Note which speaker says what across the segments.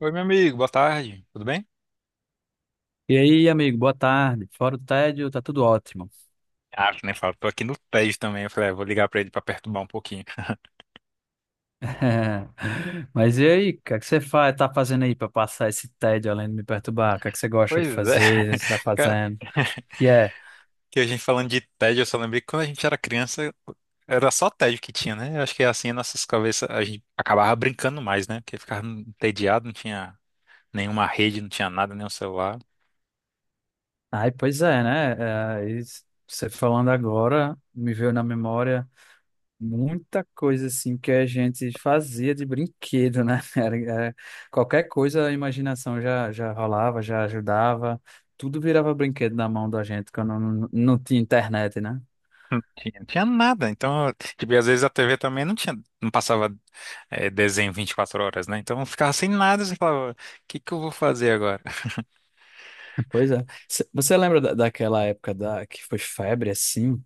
Speaker 1: Oi, meu amigo, boa tarde, tudo bem?
Speaker 2: E aí, amigo, boa tarde. Fora do tédio, tá tudo ótimo.
Speaker 1: Ah, que nem falo, tô aqui no TED também. Eu falei, ah, vou ligar pra ele pra perturbar um pouquinho.
Speaker 2: Mas e aí, o que é que você faz, tá fazendo aí para passar esse tédio além de me perturbar? O que é que você gosta
Speaker 1: Pois
Speaker 2: de
Speaker 1: é,
Speaker 2: fazer? Você tá
Speaker 1: cara,
Speaker 2: fazendo? E é.
Speaker 1: que a gente falando de TED, eu só lembrei que quando a gente era criança, era só TED que tinha, né? Eu acho que é assim, nossas cabeças, a gente acabava brincando mais, né? Porque ficava entediado, não tinha nenhuma rede, não tinha nada, nenhum celular.
Speaker 2: Ai, pois é, né? É, e você falando agora, me veio na memória muita coisa assim que a gente fazia de brinquedo, né? Qualquer coisa, a imaginação já rolava, já ajudava. Tudo virava brinquedo na mão da gente quando não tinha internet, né?
Speaker 1: Não tinha, não tinha nada. Então, tipo, e às vezes a TV também não tinha, não passava desenho 24 horas, né? Então eu ficava sem nada, você falava, o que que eu vou fazer agora?
Speaker 2: Pois é. Você lembra daquela época da, que foi febre, assim?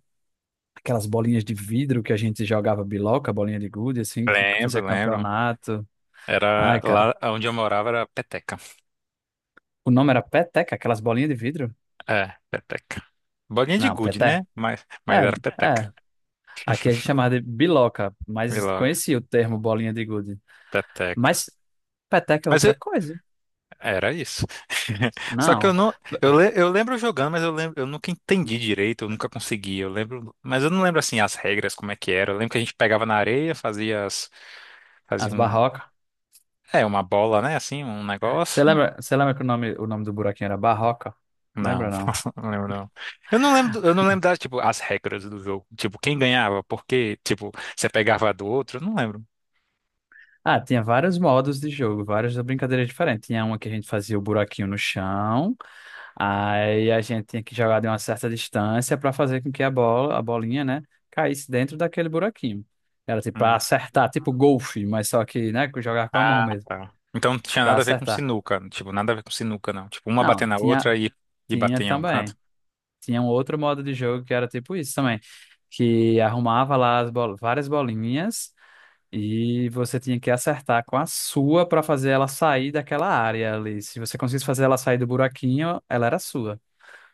Speaker 2: Aquelas bolinhas de vidro que a gente jogava biloca, bolinha de gude, assim, que fazia
Speaker 1: Lembro, lembro.
Speaker 2: campeonato.
Speaker 1: Era
Speaker 2: Ai, cara.
Speaker 1: lá onde eu morava era peteca.
Speaker 2: O nome era peteca, aquelas bolinhas de vidro?
Speaker 1: É, peteca. Bolinha de
Speaker 2: Não,
Speaker 1: gude,
Speaker 2: peté.
Speaker 1: né? Mas
Speaker 2: É,
Speaker 1: era peteca.
Speaker 2: é. Aqui a gente chamava de biloca,
Speaker 1: Vi
Speaker 2: mas
Speaker 1: logo,
Speaker 2: conhecia o termo bolinha de gude.
Speaker 1: peteca.
Speaker 2: Mas peteca é
Speaker 1: Mas
Speaker 2: outra
Speaker 1: eu-
Speaker 2: coisa.
Speaker 1: era isso. Só que eu
Speaker 2: Não.
Speaker 1: não, eu lembro jogando, mas eu lembro, eu nunca entendi direito, eu nunca consegui. Eu lembro, mas eu não lembro assim as regras, como é que era. Eu lembro que a gente pegava na areia, fazia as, fazia
Speaker 2: As
Speaker 1: um,
Speaker 2: barrocas.
Speaker 1: é, uma bola, né? Assim, um negócio.
Speaker 2: Você lembra que o nome do buraquinho era barroca?
Speaker 1: Não,
Speaker 2: Lembra, não?
Speaker 1: não lembro não. Eu não lembro das, tipo, as regras do jogo. Tipo, quem ganhava, porque tipo, você pegava a do outro, eu não lembro.
Speaker 2: Ah, tinha vários modos de jogo, várias brincadeiras diferentes. Tinha uma que a gente fazia o buraquinho no chão, aí a gente tinha que jogar de uma certa distância para fazer com que a bola, a bolinha, né, caísse dentro daquele buraquinho. Era tipo para
Speaker 1: Hum.
Speaker 2: acertar, tipo golfe, mas só que, né, que jogar com a mão
Speaker 1: Ah,
Speaker 2: mesmo,
Speaker 1: tá. Então não tinha
Speaker 2: para
Speaker 1: nada a ver com
Speaker 2: acertar.
Speaker 1: sinuca, tipo, nada a ver com sinuca, não. Tipo, uma bater
Speaker 2: Não,
Speaker 1: na
Speaker 2: tinha,
Speaker 1: outra e,
Speaker 2: tinha
Speaker 1: bater em algum canto.
Speaker 2: também. Tinha um outro modo de jogo que era tipo isso também, que arrumava lá as bol várias bolinhas. E você tinha que acertar com a sua para fazer ela sair daquela área ali. Se você conseguisse fazer ela sair do buraquinho, ela era sua.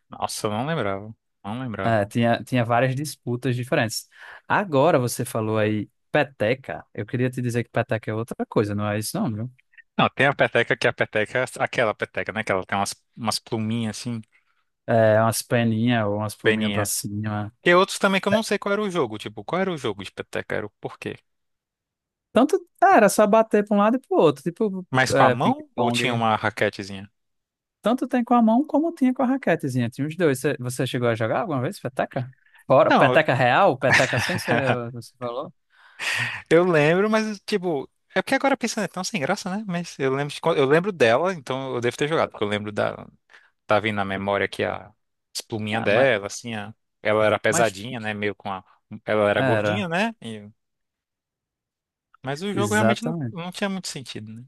Speaker 1: Nossa, eu não lembrava, não
Speaker 2: É,
Speaker 1: lembrava.
Speaker 2: tinha, tinha várias disputas diferentes. Agora você falou aí peteca. Eu queria te dizer que peteca é outra coisa, não é isso não, viu?
Speaker 1: Não, tem a peteca que é a peteca, é aquela peteca, né? Que ela tem umas pluminhas assim,
Speaker 2: É umas peninhas ou umas pluminhas pra
Speaker 1: peninha.
Speaker 2: cima.
Speaker 1: E outros também que eu não sei qual era o jogo, tipo, qual era o jogo de peteca, era o porquê.
Speaker 2: Tanto, é, era só bater pra um lado e pro outro, tipo
Speaker 1: Mas com a
Speaker 2: é,
Speaker 1: mão ou tinha
Speaker 2: ping-pong.
Speaker 1: uma raquetezinha?
Speaker 2: Tanto tem com a mão como tinha com a raquetezinha. Tinha os dois. Você chegou a jogar alguma vez peteca? Fora,
Speaker 1: Não,
Speaker 2: peteca real, peteca sem, você, você falou?
Speaker 1: Eu lembro, mas tipo, é porque agora pensando é tão sem graça, né? Mas eu lembro, eu lembro dela, então eu devo ter jogado, porque eu lembro da tá vindo na memória aqui a as
Speaker 2: Ah,
Speaker 1: dela, assim, ela era
Speaker 2: mas
Speaker 1: pesadinha, né? Meio com a ela era gordinha,
Speaker 2: era,
Speaker 1: né? Mas o jogo realmente não,
Speaker 2: exatamente.
Speaker 1: não tinha muito sentido, né?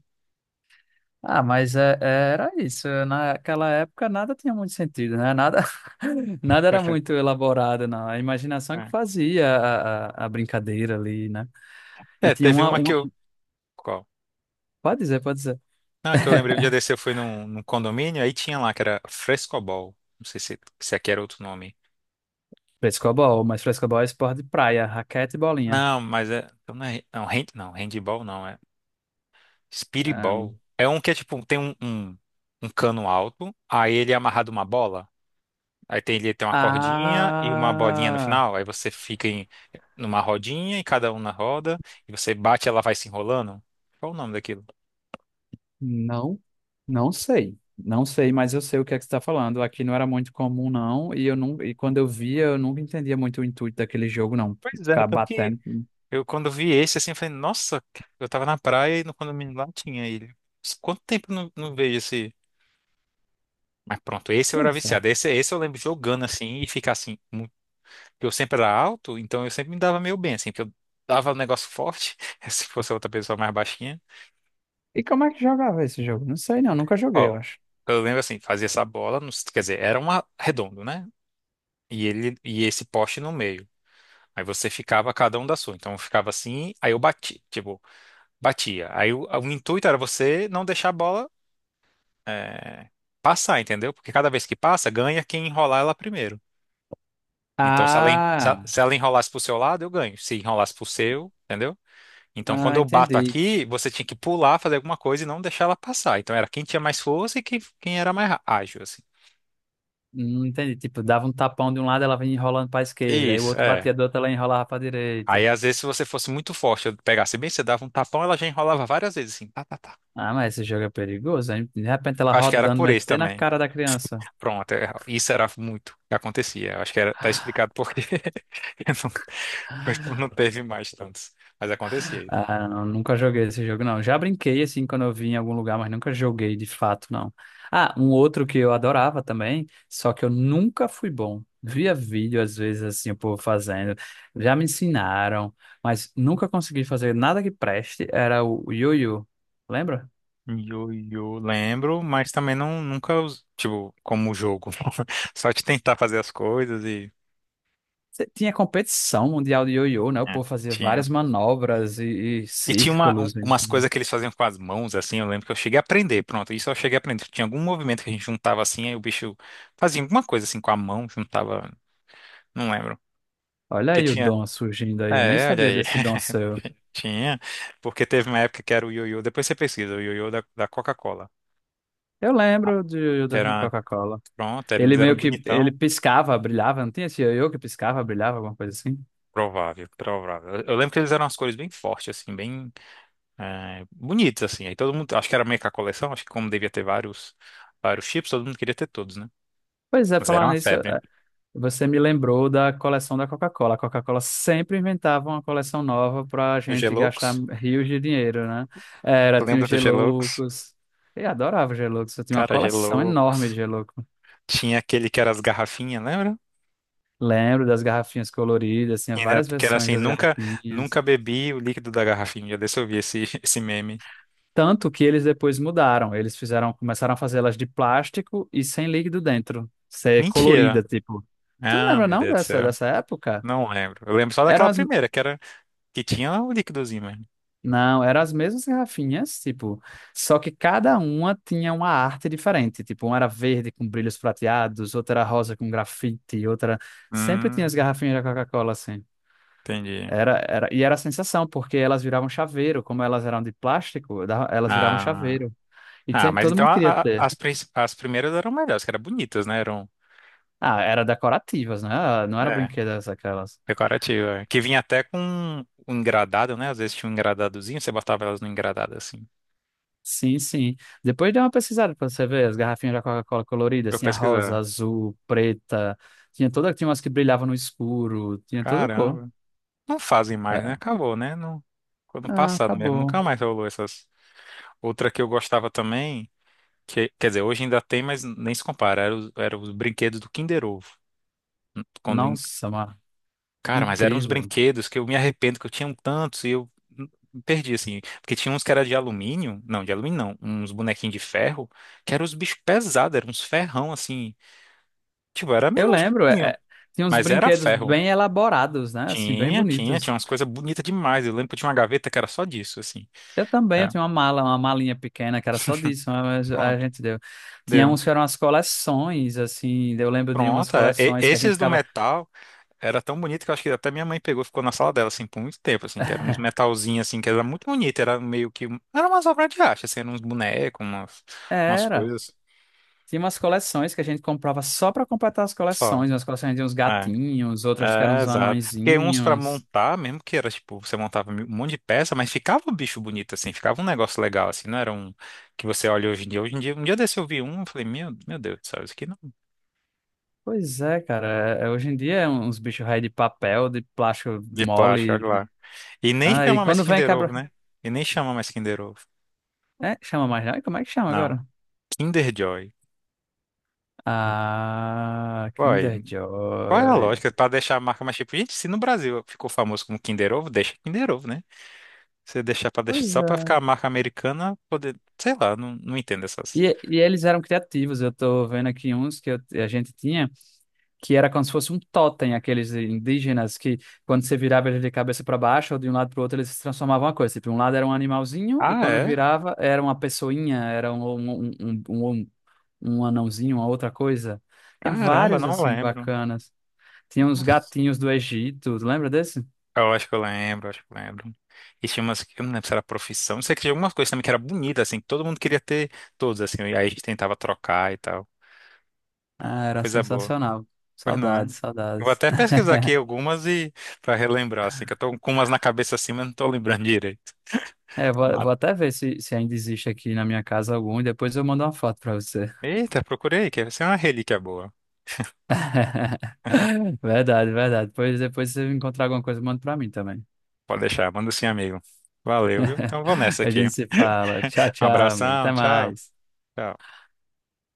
Speaker 2: Ah, mas é, era isso. Naquela época nada tinha muito sentido, né? Nada, nada era muito elaborado, não. A imaginação que
Speaker 1: É.
Speaker 2: fazia a brincadeira ali, né? E
Speaker 1: É,
Speaker 2: tinha
Speaker 1: teve uma que
Speaker 2: uma...
Speaker 1: eu qual?
Speaker 2: Pode dizer, pode dizer.
Speaker 1: Ah, que eu lembrei um dia desse eu fui num, condomínio, aí tinha lá que era Frescobol. Não sei se aqui era outro nome.
Speaker 2: Frescobol, mas frescobol é esporte de praia, raquete e bolinha.
Speaker 1: Não, mas é, não, hand, não, handball não, é
Speaker 2: Ah, não.
Speaker 1: Speedball. É um que é tipo, tem um cano alto, aí ele é amarrado uma bola. Aí tem, ele tem uma cordinha e uma bolinha no
Speaker 2: Ah!
Speaker 1: final. Aí você fica em, numa rodinha e cada um na roda. E você bate e ela vai se enrolando. Qual o nome daquilo?
Speaker 2: Não, não sei. Não sei, mas eu sei o que é que você está falando. Aqui não era muito comum, não. E eu não, e quando eu via, eu nunca entendia muito o intuito daquele jogo, não.
Speaker 1: Pois é,
Speaker 2: Ficar
Speaker 1: tanto que
Speaker 2: batendo.
Speaker 1: eu quando vi esse assim, eu falei, nossa, eu tava na praia e no condomínio lá tinha ele. Quanto tempo eu não, não vejo esse? Mas pronto, esse eu era
Speaker 2: Pois é.
Speaker 1: viciado. Esse eu lembro jogando assim e ficar assim. Porque eu sempre era alto, então eu sempre me dava meio bem, assim, porque eu dava um negócio forte, se fosse outra pessoa mais baixinha.
Speaker 2: E como é que jogava esse jogo? Não sei, não. Nunca joguei, eu
Speaker 1: Ó,
Speaker 2: acho.
Speaker 1: eu lembro assim, fazia essa bola, quer dizer, era um redondo, né? E ele e esse poste no meio. Aí você ficava cada um da sua. Então eu ficava assim, aí eu bati, tipo, batia. Aí o intuito era você não deixar a bola é, passar, entendeu? Porque cada vez que passa, ganha quem enrolar ela primeiro. Então se ela, en- se ela
Speaker 2: Ah,
Speaker 1: se ela enrolasse pro seu lado, eu ganho. Se enrolasse pro seu, entendeu? Então, quando
Speaker 2: ah,
Speaker 1: eu bato
Speaker 2: entendi.
Speaker 1: aqui, você tinha que pular, fazer alguma coisa e não deixar ela passar. Então, era quem tinha mais força e quem era mais ágil, assim.
Speaker 2: Entendi. Tipo, dava um tapão de um lado, ela vinha enrolando para a esquerda. Aí o
Speaker 1: Isso,
Speaker 2: outro
Speaker 1: é.
Speaker 2: batia do outro, ela enrolava para a
Speaker 1: Aí,
Speaker 2: direita.
Speaker 1: às vezes, se você fosse muito forte, eu pegasse bem, você dava um tapão, ela já enrolava várias vezes, assim, tá, tá, tá.
Speaker 2: Ah, mas esse jogo é perigoso, hein? De repente ela
Speaker 1: Acho que era
Speaker 2: rodando,
Speaker 1: por isso
Speaker 2: metendo na
Speaker 1: também.
Speaker 2: cara da criança.
Speaker 1: Pronto, é, isso era muito o que acontecia. Eu acho que era, tá explicado por quê. Eu não- não teve mais tantos. Mas acontecia isso.
Speaker 2: Ah, não, nunca joguei esse jogo, não. Já brinquei assim quando eu vim em algum lugar, mas nunca joguei de fato, não. Ah, um outro que eu adorava também, só que eu nunca fui bom. Via vídeo, às vezes, assim, o povo fazendo. Já me ensinaram, mas nunca consegui fazer nada que preste. Era o ioiô, lembra?
Speaker 1: Yo-yo, lembro, mas também não, nunca, tipo, como jogo. Só de tentar fazer as coisas e.
Speaker 2: Tinha competição mundial de ioiô, né? O
Speaker 1: É,
Speaker 2: povo fazia
Speaker 1: tinha.
Speaker 2: várias manobras e
Speaker 1: E tinha uma, um-
Speaker 2: círculos.
Speaker 1: umas
Speaker 2: Entendeu?
Speaker 1: coisas que eles faziam com as mãos, assim, eu lembro que eu cheguei a aprender, pronto, isso eu cheguei a aprender. Tinha algum movimento que a gente juntava assim, aí o bicho fazia alguma coisa assim com a mão, juntava, não lembro.
Speaker 2: Olha
Speaker 1: Que
Speaker 2: aí o
Speaker 1: tinha,
Speaker 2: dom surgindo aí. Eu nem
Speaker 1: é, olha
Speaker 2: sabia
Speaker 1: aí,
Speaker 2: desse dom seu.
Speaker 1: tinha, porque teve uma época que era o ioiô, depois você pesquisa, o ioiô da Coca-Cola,
Speaker 2: Eu lembro de, ioiô
Speaker 1: que
Speaker 2: da
Speaker 1: era,
Speaker 2: Coca-Cola.
Speaker 1: pronto, eles
Speaker 2: Ele meio
Speaker 1: eram
Speaker 2: que ele
Speaker 1: bonitão,
Speaker 2: piscava, brilhava, não tinha esse ioiô que piscava, brilhava, alguma coisa assim?
Speaker 1: provável, provável. Eu lembro que eles eram as cores bem fortes, assim, bem bonitos, assim, aí todo mundo, acho que era meio que a coleção, acho que como devia ter vários, vários chips, todo mundo queria ter todos, né?
Speaker 2: Pois é,
Speaker 1: Mas era
Speaker 2: falar
Speaker 1: uma
Speaker 2: nisso,
Speaker 1: febre.
Speaker 2: você me lembrou da coleção da Coca-Cola. A Coca-Cola sempre inventava uma coleção nova pra
Speaker 1: O
Speaker 2: gente gastar
Speaker 1: Geloucos?
Speaker 2: rios de dinheiro, né? Era, tinha
Speaker 1: Lembra
Speaker 2: os
Speaker 1: do Geloucos?
Speaker 2: Geloucos. Eu adorava os Geloucos, eu tinha uma
Speaker 1: Cara,
Speaker 2: coleção enorme de
Speaker 1: Geloucos.
Speaker 2: Gelouco.
Speaker 1: Tinha aquele que era as garrafinhas, lembra?
Speaker 2: Lembro das garrafinhas coloridas, tinha várias
Speaker 1: Que era
Speaker 2: versões
Speaker 1: assim,
Speaker 2: das
Speaker 1: nunca,
Speaker 2: garrafinhas.
Speaker 1: nunca bebi o líquido da garrafinha. Já deixa eu ver esse, esse meme.
Speaker 2: Tanto que eles depois mudaram. Eles fizeram, começaram a fazer elas de plástico e sem líquido dentro. Ser
Speaker 1: Mentira.
Speaker 2: colorida, tipo. Tu não
Speaker 1: Ah,
Speaker 2: lembra
Speaker 1: meu
Speaker 2: não
Speaker 1: Deus do
Speaker 2: dessa,
Speaker 1: céu.
Speaker 2: dessa época?
Speaker 1: Não lembro. Eu lembro só
Speaker 2: Eram
Speaker 1: daquela
Speaker 2: as,
Speaker 1: primeira, que era que tinha o líquidozinho mesmo.
Speaker 2: não, eram as mesmas garrafinhas, tipo, só que cada uma tinha uma arte diferente. Tipo, uma era verde com brilhos prateados, outra era rosa com grafite, outra. Sempre tinha as
Speaker 1: Hum,
Speaker 2: garrafinhas da Coca-Cola, assim.
Speaker 1: entendi.
Speaker 2: Era, era, e era a sensação, porque elas viravam chaveiro. Como elas eram de plástico, dava- elas viravam
Speaker 1: Ah,
Speaker 2: chaveiro. E
Speaker 1: ah,
Speaker 2: sempre,
Speaker 1: mas
Speaker 2: todo
Speaker 1: então
Speaker 2: mundo queria
Speaker 1: a- a-
Speaker 2: ter.
Speaker 1: as, prin- as primeiras eram melhores, que eram bonitas, né? Eram.
Speaker 2: Ah, era decorativas, né? Ah, não era
Speaker 1: É,
Speaker 2: brinquedas aquelas.
Speaker 1: decorativo, é. Que vinha até com um engradado, né? Às vezes tinha um engradadozinho, você botava elas no engradado assim.
Speaker 2: Sim, sim. Depois dei uma pesquisada pra você ver as garrafinhas da Coca-Cola
Speaker 1: Pra
Speaker 2: coloridas,
Speaker 1: eu
Speaker 2: tinha rosa,
Speaker 1: pesquisar.
Speaker 2: azul, preta, tinha toda, tinha umas que brilhavam no escuro, tinha toda cor.
Speaker 1: Caramba. Não fazem mais, né?
Speaker 2: Era.
Speaker 1: Acabou, né? Não ficou no
Speaker 2: Ah,
Speaker 1: passado mesmo. Nunca
Speaker 2: acabou.
Speaker 1: mais rolou essas. Outra que eu gostava também, que, quer dizer, hoje ainda tem, mas nem se compara. Era os brinquedos do Kinder Ovo. Quando, en-
Speaker 2: Nossa, mano,
Speaker 1: cara, mas eram uns
Speaker 2: incrível.
Speaker 1: brinquedos que eu me arrependo que eu tinha um tantos e eu me perdi, assim. Porque tinha uns que era de alumínio. Não, de alumínio não. Uns bonequinhos de ferro que eram os bichos pesados, eram uns ferrão, assim. Tipo, era
Speaker 2: Eu lembro, é,
Speaker 1: minúsculinho,
Speaker 2: é, tinha uns
Speaker 1: mas era
Speaker 2: brinquedos
Speaker 1: ferro.
Speaker 2: bem elaborados, né? Assim, bem
Speaker 1: Tinha, tinha, tinha
Speaker 2: bonitos.
Speaker 1: umas coisas bonitas demais. Eu lembro que eu tinha uma gaveta que era só disso, assim.
Speaker 2: Eu também, eu
Speaker 1: É,
Speaker 2: tinha uma mala, uma malinha pequena que era só disso, né? Mas a
Speaker 1: pronto,
Speaker 2: gente deu. Tinha
Speaker 1: deu.
Speaker 2: uns que eram as coleções, assim, eu lembro de umas
Speaker 1: Pronto, é. E-
Speaker 2: coleções que a gente
Speaker 1: esses do
Speaker 2: ficava.
Speaker 1: metal era tão bonito que eu acho que até minha mãe pegou e ficou na sala dela, assim, por muito tempo, assim, que era uns metalzinhos, assim, que era muito bonito, era meio que, era umas obras de arte, assim, eram uns bonecos, umas
Speaker 2: Era.
Speaker 1: coisas
Speaker 2: Tinha umas coleções que a gente comprava só pra completar as
Speaker 1: só.
Speaker 2: coleções. Umas coleções de uns
Speaker 1: É.
Speaker 2: gatinhos, outras que eram
Speaker 1: É,
Speaker 2: uns
Speaker 1: exato. Porque uns pra
Speaker 2: anõezinhos.
Speaker 1: montar, mesmo que era tipo, você montava um monte de peça, mas ficava o bicho bonito assim, ficava um negócio legal assim, não era um que você olha hoje em dia. Hoje em dia, um dia desse eu vi um, eu falei, meu Deus do céu, isso aqui não. É
Speaker 2: Pois é, cara. Hoje em dia é uns bichos raios de papel, de plástico
Speaker 1: de plástico,
Speaker 2: mole.
Speaker 1: olha lá. E nem
Speaker 2: Ah, e
Speaker 1: chama mais
Speaker 2: quando vem
Speaker 1: Kinder Ovo,
Speaker 2: quebra.
Speaker 1: né? E nem chama mais Kinder Ovo.
Speaker 2: É, chama mais não? E como é que chama
Speaker 1: Não.
Speaker 2: agora?
Speaker 1: Kinder Joy.
Speaker 2: Ah,
Speaker 1: Uai,
Speaker 2: Kinder
Speaker 1: qual é a
Speaker 2: Joy.
Speaker 1: lógica? Pra deixar a marca mais tipo, gente, se no Brasil ficou famoso como Kinder Ovo, deixa Kinder Ovo, né? Você deixar pra deixar
Speaker 2: Pois
Speaker 1: só pra
Speaker 2: é.
Speaker 1: ficar a marca americana, poder, sei lá, não, não entendo essas.
Speaker 2: E eles eram criativos. Eu tô vendo aqui uns que a gente tinha. Que era como se fosse um totem, aqueles indígenas que, quando você virava ele de cabeça para baixo ou de um lado para o outro, eles se transformavam em uma coisa. Tipo, um lado era um animalzinho e
Speaker 1: Ah,
Speaker 2: quando
Speaker 1: é?
Speaker 2: virava era uma pessoinha, era um anãozinho, uma outra coisa. Tinha
Speaker 1: Caramba,
Speaker 2: vários
Speaker 1: não
Speaker 2: assim
Speaker 1: lembro.
Speaker 2: bacanas. Tinha uns
Speaker 1: Nossa.
Speaker 2: gatinhos do Egito, tu lembra desse?
Speaker 1: Eu acho que eu lembro, acho que eu lembro. E tinha umas, eu não lembro se era profissão, não sei que tinha algumas coisas também que era bonita, assim, que todo mundo queria ter todos, assim, e aí a gente tentava trocar e tal.
Speaker 2: Ah,
Speaker 1: Ah,
Speaker 2: era
Speaker 1: coisa boa.
Speaker 2: sensacional.
Speaker 1: Pois não é?
Speaker 2: Saudades,
Speaker 1: Eu vou
Speaker 2: saudades.
Speaker 1: até pesquisar aqui algumas e pra relembrar, assim, que eu tô com umas na cabeça assim, mas não tô lembrando direito.
Speaker 2: É, eu vou,
Speaker 1: Tomara.
Speaker 2: vou até ver se ainda existe aqui na minha casa algum e depois eu mando uma foto para você.
Speaker 1: Eita, procurei, que essa é uma relíquia boa.
Speaker 2: Verdade, verdade. Pois depois, se você encontrar alguma coisa, manda pra mim também.
Speaker 1: Pode deixar, manda sim, amigo. Valeu, viu? Então vou nessa
Speaker 2: A
Speaker 1: aqui.
Speaker 2: gente se
Speaker 1: Um
Speaker 2: fala. Tchau, tchau, amigo.
Speaker 1: abração,
Speaker 2: Até
Speaker 1: tchau.
Speaker 2: mais.
Speaker 1: Tchau.